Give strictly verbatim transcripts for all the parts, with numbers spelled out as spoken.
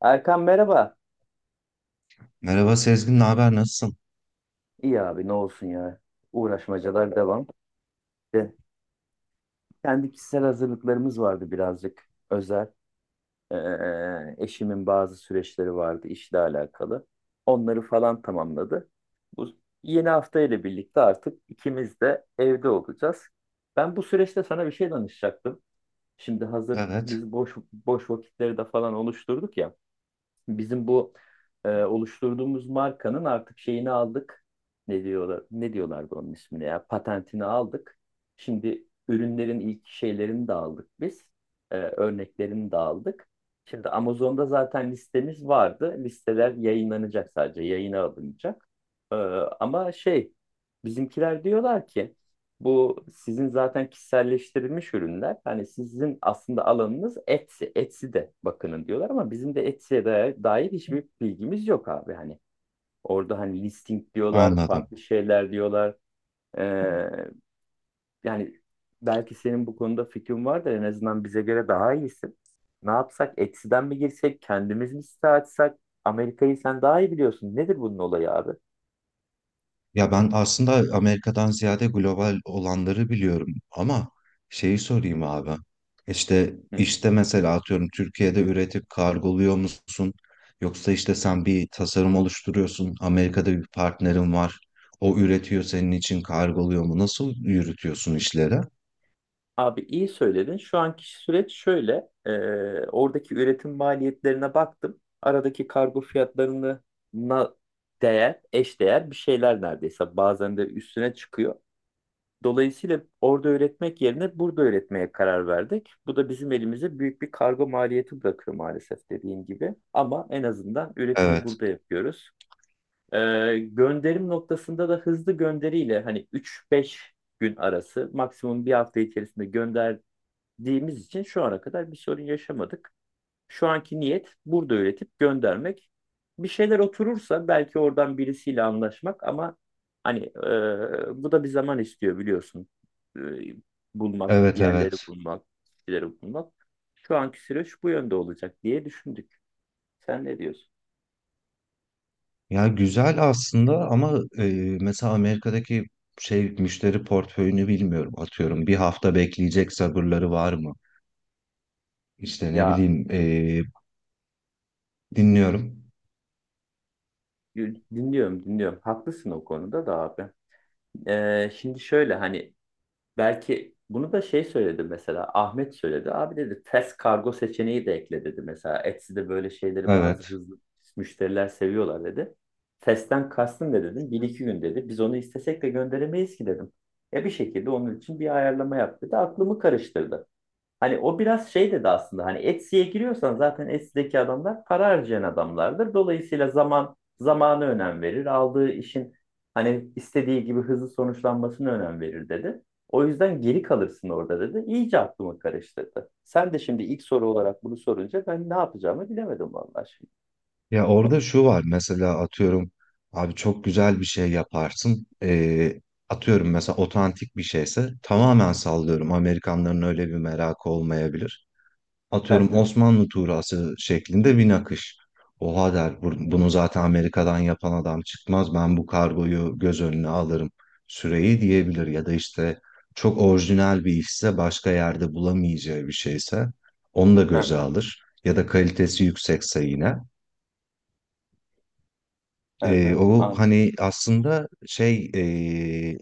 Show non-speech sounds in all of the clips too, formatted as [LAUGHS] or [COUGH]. Erkan merhaba. Merhaba Sezgin, ne haber, nasılsın? İyi abi ne olsun ya. Uğraşmacalar devam. De, kendi kişisel hazırlıklarımız vardı birazcık özel. Ee, eşimin bazı süreçleri vardı işle alakalı. Onları falan tamamladı. Bu yeni hafta ile birlikte artık ikimiz de evde olacağız. Ben bu süreçte sana bir şey danışacaktım. Şimdi hazır Evet, biz boş boş vakitleri de falan oluşturduk ya. Bizim bu e, oluşturduğumuz markanın artık şeyini aldık. Ne diyorlar? Ne diyorlardı onun ismini ya? Patentini aldık. Şimdi ürünlerin ilk şeylerini de aldık biz. E, örneklerini de aldık. Şimdi Amazon'da zaten listemiz vardı. Listeler yayınlanacak sadece, yayına alınacak. E, ama şey, bizimkiler diyorlar ki bu sizin zaten kişiselleştirilmiş ürünler. Hani sizin aslında alanınız Etsy. Etsy'de bakının diyorlar ama bizim de Etsy'ye dair, dair hiçbir bilgimiz yok abi. Hani orada hani listing diyorlar, anladım. farklı şeyler diyorlar. Ee, yani belki senin bu konuda fikrin vardır. En azından bize göre daha iyisin. Ne yapsak? Etsy'den mi girsek? Kendimiz mi site açsak? Amerika'yı sen daha iyi biliyorsun. Nedir bunun olayı abi? Ya ben aslında Amerika'dan ziyade global olanları biliyorum ama şeyi sorayım abi. İşte Hı. işte mesela atıyorum Türkiye'de üretip kargoluyor musun? Yoksa işte sen bir tasarım oluşturuyorsun, Amerika'da bir partnerin var. O üretiyor senin için kargoluyor mu? Nasıl yürütüyorsun işleri? Abi iyi söyledin. Şu anki süreç şöyle. E, oradaki üretim maliyetlerine baktım. Aradaki kargo fiyatlarına değer, eşdeğer bir şeyler neredeyse. Bazen de üstüne çıkıyor. Dolayısıyla orada üretmek yerine burada üretmeye karar verdik. Bu da bizim elimize büyük bir kargo maliyeti bırakıyor maalesef dediğin gibi. Ama en azından üretimi Evet, burada yapıyoruz. E, gönderim noktasında da hızlı gönderiyle hani üç beş gün arası maksimum bir hafta içerisinde gönder dediğimiz için şu ana kadar bir sorun yaşamadık. Şu anki niyet burada öğretip göndermek. Bir şeyler oturursa belki oradan birisiyle anlaşmak ama hani e, bu da bir zaman istiyor biliyorsun. E, bulmak, evet, yerleri evet. bulmak, kişileri bulmak. Şu anki süreç bu yönde olacak diye düşündük. Sen ne diyorsun? Ya güzel aslında ama e, mesela Amerika'daki şey müşteri portföyünü bilmiyorum. Atıyorum bir hafta bekleyecek sabırları var mı? İşte ne Ya bileyim e, dinliyorum. dinliyorum, dinliyorum. Haklısın o konuda da abi. E, şimdi şöyle hani belki bunu da şey söyledi mesela Ahmet söyledi. Abi dedi test kargo seçeneği de ekle dedi mesela. Etsy'de böyle şeyleri bazı Evet. hızlı müşteriler seviyorlar dedi. Testten kastın ne dedim? Bir iki gün dedi. Biz onu istesek de gönderemeyiz ki dedim. E bir şekilde onun için bir ayarlama yap dedi. Aklımı karıştırdı. Hani o biraz şey dedi aslında hani Etsy'ye giriyorsan zaten Etsy'deki adamlar para harcayan adamlardır. Dolayısıyla zaman zamanı önem verir. Aldığı işin hani istediği gibi hızlı sonuçlanmasını önem verir dedi. O yüzden geri kalırsın orada dedi. İyice aklımı karıştırdı. Sen de şimdi ilk soru olarak bunu sorunca ben ne yapacağımı bilemedim vallahi şimdi. Ya orada şu var mesela atıyorum abi çok güzel bir şey yaparsın. E, atıyorum mesela otantik bir şeyse tamamen sallıyorum. Amerikanların öyle bir merakı olmayabilir. Hı Atıyorum hı, Osmanlı tuğrası şeklinde bir nakış. Oha der, "bu- bunu zaten Amerika'dan yapan adam çıkmaz, ben bu kargoyu göz önüne alırım, süreyi" diyebilir. Ya da işte çok orijinal bir işse, başka yerde bulamayacağı bir şeyse onu da hı göze hı, alır, ya da kalitesi yüksekse yine. hı Ee, hı O an hani aslında şey ee,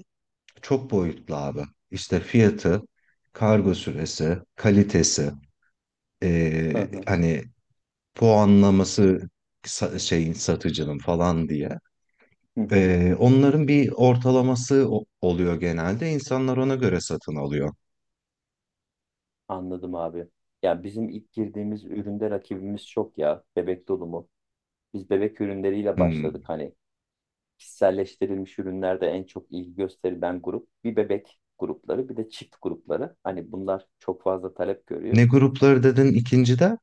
çok boyutlu abi. İşte fiyatı, kargo süresi, kalitesi, hı ee, hı, hani puanlaması, sa- şeyin, satıcının falan diye. hı hı. Ee, onların bir ortalaması o- oluyor genelde. İnsanlar ona göre satın alıyor. Anladım abi. Ya bizim ilk girdiğimiz üründe rakibimiz çok ya. Bebek dolumu. Biz bebek ürünleriyle Hmm. başladık hani kişiselleştirilmiş ürünlerde en çok ilgi gösterilen grup bir bebek grupları bir de çift grupları. Hani bunlar çok fazla talep görüyor. Ne grupları dedin ikinci de?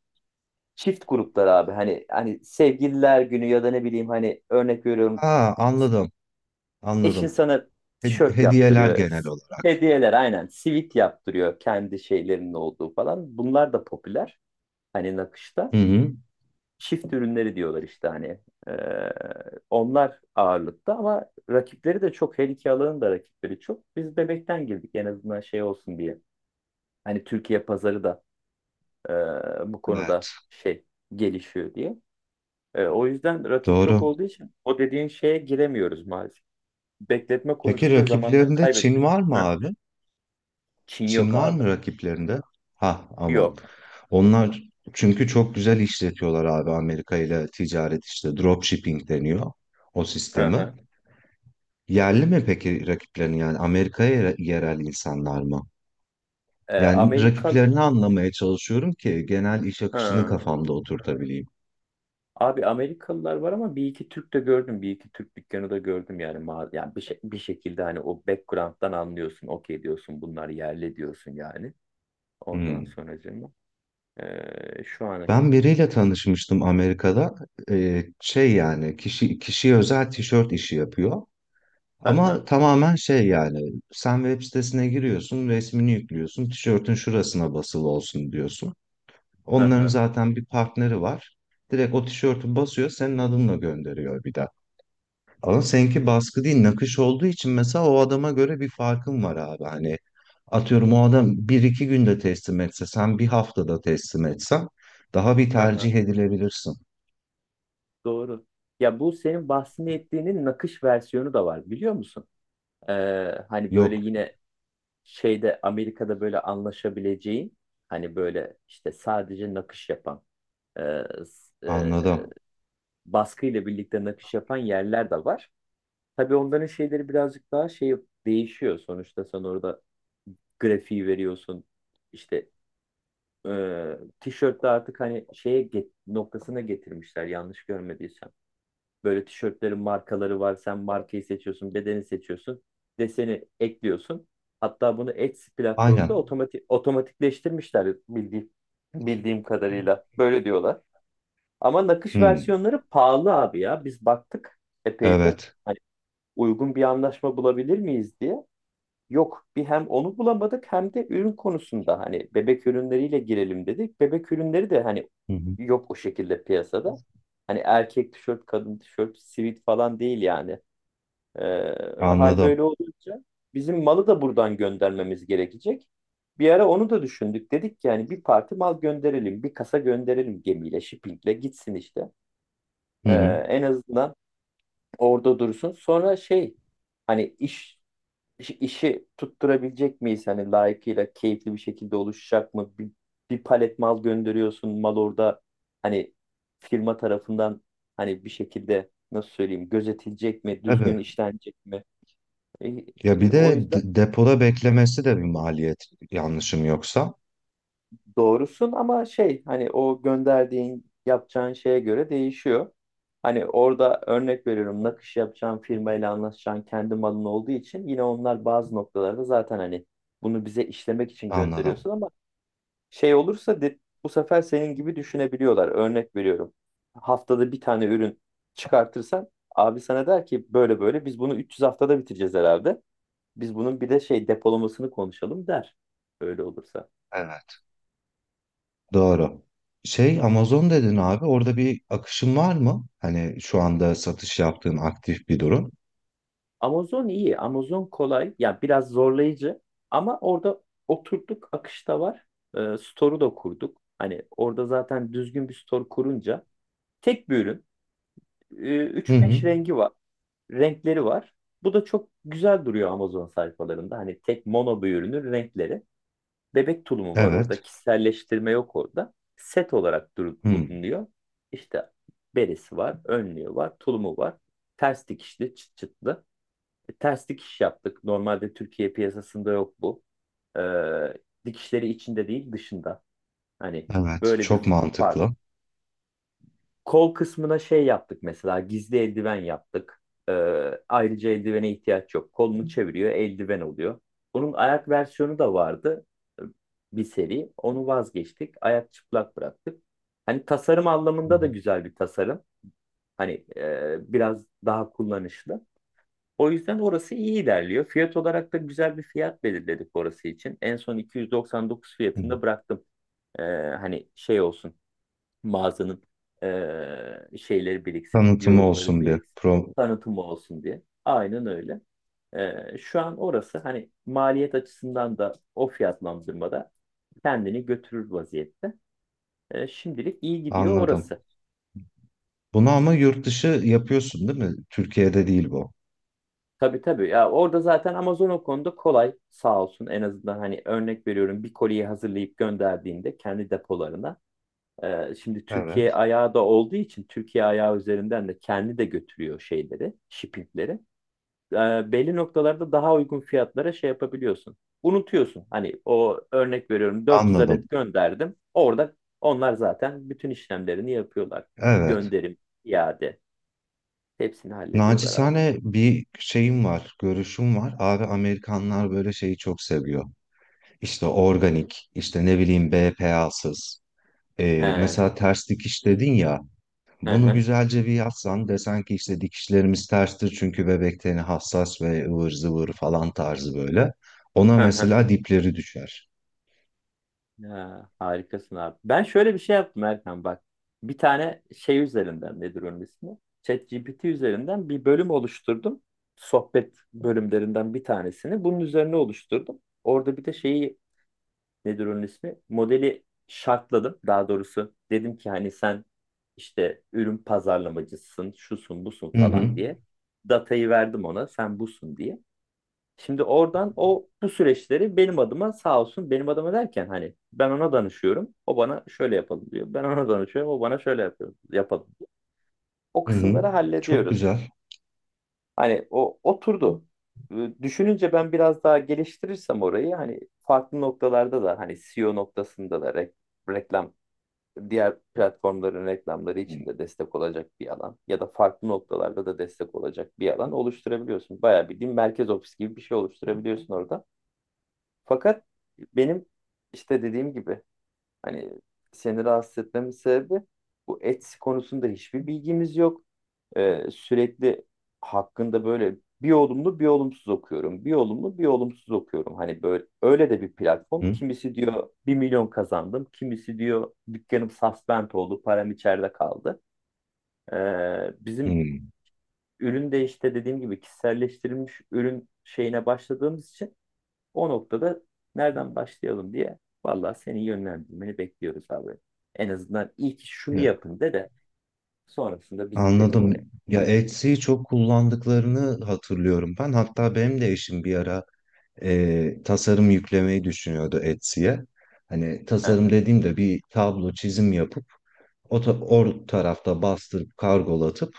Çift grupları abi hani hani sevgililer günü ya da ne bileyim hani örnek veriyorum Ha anladım, eşin anladım. sana He- tişört Hediyeler yaptırıyor. genel olarak. Hediyeler aynen sivit yaptırıyor kendi şeylerinin olduğu falan. Bunlar da popüler hani nakışta. Hı hı. Çift ürünleri diyorlar işte hani. Ee, onlar ağırlıkta ama rakipleri de çok. Her iki alanın da rakipleri çok. Biz bebekten girdik en azından şey olsun diye. Hani Türkiye pazarı da e, bu Evet, konuda şey gelişiyor diye. E, o yüzden rakip çok doğru. olduğu için o dediğin şeye giremiyoruz maalesef. Bekletme Peki konusunda zamandan rakiplerinde Çin kaybedeceğiz. var mı Hı. abi? Çin yok Çin var abi. mı rakiplerinde? Ha aman. Yok. Onlar çünkü çok güzel işletiyorlar abi, Amerika ile ticaret, işte dropshipping deniyor o Hı sistemi. hı. Yerli mi peki rakiplerin, yani Amerika'ya, yere- yerel insanlar mı? E, Yani Amerika rakiplerini anlamaya çalışıyorum ki genel iş akışını Hı. kafamda oturtabileyim. Abi Amerikalılar var ama bir iki Türk de gördüm. Bir iki Türk dükkanı da gördüm yani. ma- Yani bir, şey- bir şekilde hani o background'dan anlıyorsun. Okey diyorsun bunlar yerli diyorsun yani. Ondan Hmm. sonracığıma. Ee, şu an. Ben biriyle tanışmıştım Amerika'da. Ee, şey, yani kişi kişiye özel tişört işi yapıyor. Hı Ama hı, tamamen şey, yani sen web sitesine giriyorsun, resmini yüklüyorsun, tişörtün şurasına basılı olsun diyorsun. hı Onların hı, zaten bir partneri var. Direkt o tişörtü basıyor, senin adınla gönderiyor bir de. Ama seninki baskı değil nakış olduğu için mesela o adama göre bir farkın var abi. Hani atıyorum o adam bir iki günde teslim etse, sen bir haftada teslim etsen daha bir hı hı. tercih edilebilirsin. Doğru. Ya bu senin bahsettiğinin nakış versiyonu da var biliyor musun? Ee, hani böyle Yok, yine şeyde Amerika'da böyle anlaşabileceğin hani böyle işte sadece nakış yapan e, s- anladım. baskıyla birlikte nakış yapan yerler de var. Tabii onların şeyleri birazcık daha şey değişiyor. Sonuçta sen orada grafiği veriyorsun. İşte e, tişörtte artık hani şeye get- noktasına getirmişler yanlış görmediysem. Böyle tişörtlerin markaları var. Sen markayı seçiyorsun, bedeni seçiyorsun, deseni ekliyorsun. Hatta bunu Etsy platformunda Aynen. otomatik otomatikleştirmişler bildiğim bildiğim kadarıyla. Böyle diyorlar. Ama nakış Hı, versiyonları pahalı abi ya. Biz baktık epey bir. evet. Hani uygun bir anlaşma bulabilir miyiz diye. Yok bir hem onu bulamadık hem de ürün konusunda hani bebek ürünleriyle girelim dedik. Bebek ürünleri de hani Hı hı. yok o şekilde piyasada. Hani erkek tişört, kadın tişört, sivit falan değil yani. Ee, hal Anladım. böyle olunca bizim malı da buradan göndermemiz gerekecek. Bir ara onu da düşündük. Dedik ki yani bir parti mal gönderelim, bir kasa gönderelim gemiyle, shippingle gitsin işte. Hı Ee, hı. en azından orada dursun. Sonra şey hani iş iş- işi tutturabilecek miyiz? Hani layıkıyla keyifli bir şekilde oluşacak mı? Bir, bir palet mal gönderiyorsun. Mal orada hani firma tarafından hani bir şekilde nasıl söyleyeyim gözetilecek mi? Düzgün Evet. işlenecek mi? E, Ya e, bir o de yüzden de- depoda beklemesi de bir maliyet, yanlışım yoksa. Doğrusun ama şey hani o gönderdiğin yapacağın şeye göre değişiyor. Hani orada örnek veriyorum nakış yapacağın firmayla anlaşacağın kendi malın olduğu için yine onlar bazı noktalarda zaten hani bunu bize işlemek için Anladım. gönderiyorsun ama şey olursa de, bu sefer senin gibi düşünebiliyorlar. Örnek veriyorum haftada bir tane ürün çıkartırsan abi sana der ki böyle böyle biz bunu üç yüz haftada bitireceğiz herhalde. Biz bunun bir de şey depolamasını konuşalım der. Öyle olursa. Evet. Doğru. Şey, Amazon dedin abi, orada bir akışın var mı? Hani şu anda satış yaptığın aktif bir durum. Amazon iyi. Amazon kolay. Yani biraz zorlayıcı ama orada oturduk, akışta var. Ee, store'u da kurduk. Hani orada zaten düzgün bir store kurunca tek bir ürün. Ee, Hı hı. üç beş rengi var. Renkleri var. Bu da çok güzel duruyor Amazon sayfalarında. Hani tek mono bir ürünün renkleri. Bebek tulumu var Evet. orada. Kişiselleştirme yok orada. Set olarak dur- Hı. bulunuyor. İşte beresi var, önlüğü var, tulumu var. Ters dikişli, çıt çıtlı. E, ters dikiş yaptık. Normalde Türkiye piyasasında yok bu. Ee, dikişleri içinde değil dışında. Hani Evet. böyle bir Çok fark. mantıklı. Kol kısmına şey yaptık mesela gizli eldiven yaptık. Ee, ayrıca eldivene ihtiyaç yok. Kolunu çeviriyor eldiven oluyor. Bunun ayak versiyonu da vardı e, bir seri. Onu vazgeçtik. Ayak çıplak bıraktık. Hani tasarım Hı hı, anlamında da güzel bir tasarım. Hani e, biraz daha kullanışlı. O yüzden orası iyi ilerliyor. Fiyat olarak da güzel bir fiyat belirledik orası için. En son iki yüz doksan dokuz hı. fiyatında bıraktım. Ee, hani şey olsun mağazanın ee, şeyleri biriksin, Tanıtımı yorumları olsun bir. biriksin, Pro... tanıtımı olsun diye. Aynen öyle. Ee, şu an orası hani maliyet açısından da o fiyatlandırmada kendini götürür vaziyette. Ee, şimdilik iyi gidiyor Anladım. orası. Bunu ama yurt dışı yapıyorsun değil mi? Türkiye'de değil bu. Tabii tabii ya orada zaten Amazon o konuda kolay sağ olsun en azından hani örnek veriyorum bir koliyi hazırlayıp gönderdiğinde kendi depolarına e, şimdi Türkiye Evet. ayağı da olduğu için Türkiye ayağı üzerinden de kendi de götürüyor şeyleri shippingleri. E, belli noktalarda daha uygun fiyatlara şey yapabiliyorsun unutuyorsun hani o örnek veriyorum dört yüz adet Anladım. gönderdim orada onlar zaten bütün işlemlerini yapıyorlar, Evet. gönderim, iade, hepsini hallediyorlar abi. Nacizane bir şeyim var, görüşüm var. Abi Amerikanlar böyle şeyi çok seviyor. İşte organik, işte ne bileyim B P A'sız. He. Ee, mesela ters dikiş dedin ya. Hı Bunu hı. güzelce bir yazsan, desen ki işte dikişlerimiz terstir çünkü bebek teni hassas ve ıvır zıvır falan tarzı böyle. Ona Hı hı. mesela dipleri düşer. Ha, harikasın abi. Ben şöyle bir şey yaptım Erkan bak. Bir tane şey üzerinden nedir onun ismi? ChatGPT üzerinden bir bölüm oluşturdum. Sohbet bölümlerinden bir tanesini. Bunun üzerine oluşturdum. Orada bir de şeyi nedir onun ismi? Modeli şartladım. Daha doğrusu dedim ki hani sen işte ürün pazarlamacısın, şusun, busun Hı falan hı. diye. Datayı verdim ona sen busun diye. Şimdi oradan o bu süreçleri benim adıma sağ olsun benim adıma derken hani ben ona danışıyorum. O bana şöyle yapalım diyor. Ben ona danışıyorum. O bana şöyle yapıyor, yapalım diyor. O Hı hı. kısımları Çok hallediyoruz. güzel. Hani o oturdu. Ee, Düşününce ben biraz daha geliştirirsem orayı hani farklı noktalarda da hani seo noktasında da re- reklam, diğer platformların reklamları Hı için de destek olacak bir alan ya da farklı noktalarda da destek olacak bir alan oluşturabiliyorsun. Bayağı bildiğin merkez ofis gibi bir şey oluşturabiliyorsun orada. Fakat benim işte dediğim gibi hani seni rahatsız etmemin sebebi bu Etsy konusunda hiçbir bilgimiz yok. Ee, sürekli hakkında böyle bir olumlu bir olumsuz okuyorum. Bir olumlu bir olumsuz okuyorum. Hani böyle öyle de bir platform. hı. Kimisi diyor bir milyon kazandım. Kimisi diyor dükkanım suspend oldu. Param içeride kaldı. Ee, Hı. bizim ürün de işte dediğim gibi kişiselleştirilmiş ürün şeyine başladığımız için o noktada nereden başlayalım diye vallahi senin yönlendirmeni bekliyoruz abi. En azından ilk şunu Evet, yapın de de sonrasında biz gidelim oraya. anladım. Ya Etsy'yi çok kullandıklarını hatırlıyorum ben. Hatta benim de eşim bir ara e, tasarım yüklemeyi düşünüyordu Etsy'ye. Hani Hı tasarım hı. dediğimde bir tablo çizim yapıp o, ta- o tarafta bastırıp kargolatıp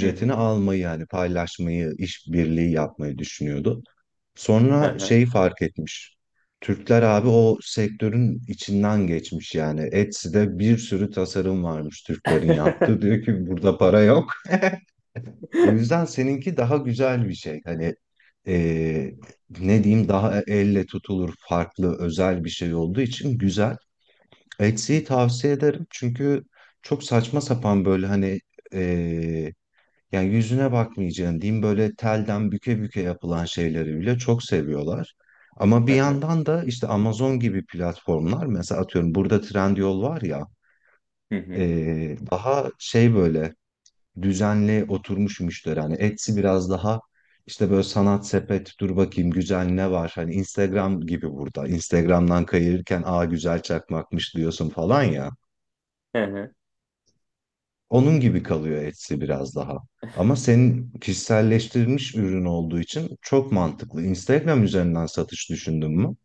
Hı almayı, yani paylaşmayı, işbirliği yapmayı düşünüyordu. hı. Hı Sonra hı. şeyi fark etmiş. Türkler abi o sektörün içinden geçmiş yani. Etsy'de bir sürü tasarım varmış Türklerin yaptığı. [LAUGHS] [LAUGHS] Diyor ki burada para yok. O yüzden seninki daha güzel bir şey. Hani e, ne diyeyim, daha elle tutulur, farklı, özel bir şey olduğu için güzel. Hı Etsy'yi hı. tavsiye ederim çünkü çok saçma sapan böyle hani, yani yüzüne bakmayacaksın diyeyim, böyle telden büke büke yapılan şeyleri bile çok seviyorlar. Ama Hı bir hı. yandan da işte Amazon gibi platformlar, mesela atıyorum burada Trendyol var ya, Hı hı. eee, daha şey böyle düzenli oturmuş müşteri. Hani Etsy biraz daha işte böyle sanat sepet, dur bakayım güzel ne var. Hani Instagram gibi, burada Instagram'dan kayırırken, "aa güzel çakmakmış" diyorsun falan ya. Hı hı. Onun gibi kalıyor Etsy biraz daha. Ama senin kişiselleştirilmiş ürün olduğu için çok mantıklı. Instagram üzerinden satış düşündün mü?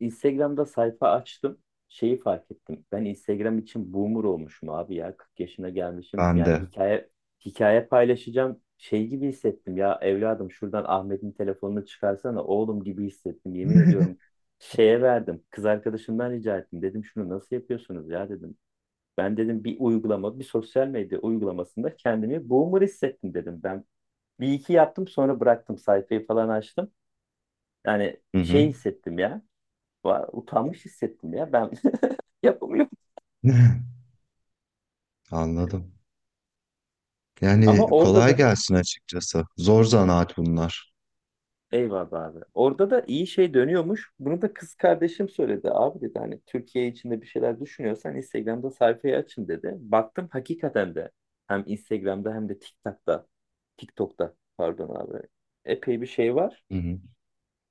Instagram'da sayfa açtım. Şeyi fark ettim. Ben Instagram için boomer olmuşum abi ya. kırk yaşına gelmişim. Ben Yani de. hikaye hikaye paylaşacağım şey gibi hissettim ya evladım şuradan Ahmet'in telefonunu çıkarsana oğlum gibi hissettim yemin ediyorum. Şeye verdim. Kız arkadaşımdan rica ettim. Dedim şunu nasıl yapıyorsunuz ya dedim. Ben dedim bir uygulama, bir sosyal medya uygulamasında kendimi boomer hissettim dedim. Ben bir iki yaptım sonra bıraktım sayfayı falan açtım. Yani Hı hı. şey hissettim ya var, utanmış hissettim ya ben [LAUGHS] yapamıyorum. [LAUGHS] Anladım. Ama Yani orada kolay da gelsin açıkçası. Zor zanaat bunlar. eyvallah abi. Orada da iyi şey dönüyormuş. Bunu da kız kardeşim söyledi. Abi dedi hani Türkiye içinde bir şeyler düşünüyorsan Instagram'da sayfayı açın dedi. Baktım hakikaten de hem Instagram'da hem de TikTok'ta TikTok'ta pardon abi. Epey bir şey var, Hı hı.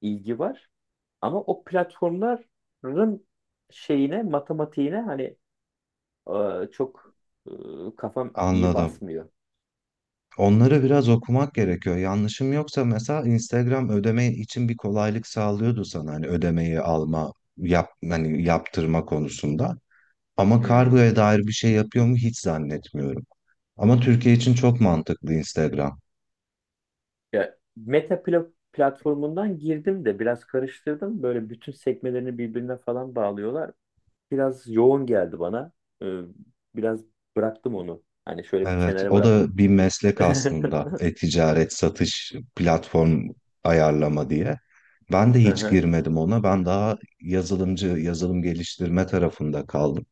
ilgi var. Ama o platformların şeyine, matematiğine hani e, çok e, kafam iyi Anladım. basmıyor. Onları biraz okumak gerekiyor. Yanlışım yoksa mesela Instagram ödeme için bir kolaylık sağlıyordu sana, hani ödemeyi alma, yap, hani yaptırma konusunda. Ama Hmm. kargoya dair bir şey yapıyor mu hiç zannetmiyorum. Ama Türkiye için çok mantıklı Instagram. Ya Meta pla- platformundan girdim de biraz karıştırdım. Böyle bütün sekmelerini birbirine falan bağlıyorlar. Biraz yoğun geldi bana. Ee, biraz bıraktım onu. Hani şöyle bir Evet, kenara o bıraktım. da bir [LAUGHS] meslek aslında. E-ticaret, satış, platform ayarlama diye. Ben de Hı hiç hı, girmedim ona. Ben daha yazılımcı, yazılım geliştirme tarafında kaldım.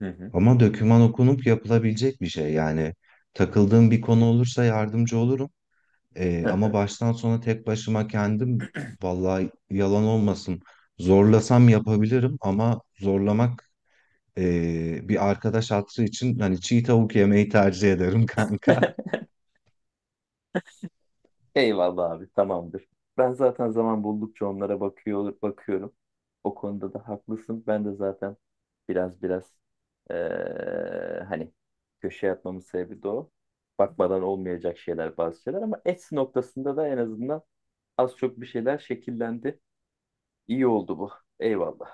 hı hı, Ama döküman okunup yapılabilecek bir şey. Yani takıldığım bir konu olursa yardımcı olurum. Ee, hı Ama hı. baştan sona tek başıma kendim, vallahi yalan olmasın, zorlasam yapabilirim ama zorlamak, ee, bir arkadaş hatırı için, hani çiğ tavuk yemeyi tercih ederim [LAUGHS] kanka. Eyvallah abi tamamdır. Ben zaten zaman buldukça onlara bakıyor, bakıyorum. O konuda da haklısın. Ben de zaten biraz biraz eee, hani köşe atmamın sebebi de o. Bakmadan olmayacak şeyler bazı şeyler ama Etsy noktasında da en azından az çok bir şeyler şekillendi. İyi oldu bu. Eyvallah.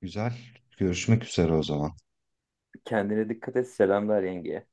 Güzel. Görüşmek üzere o zaman. Kendine dikkat et. Selamlar yengeye.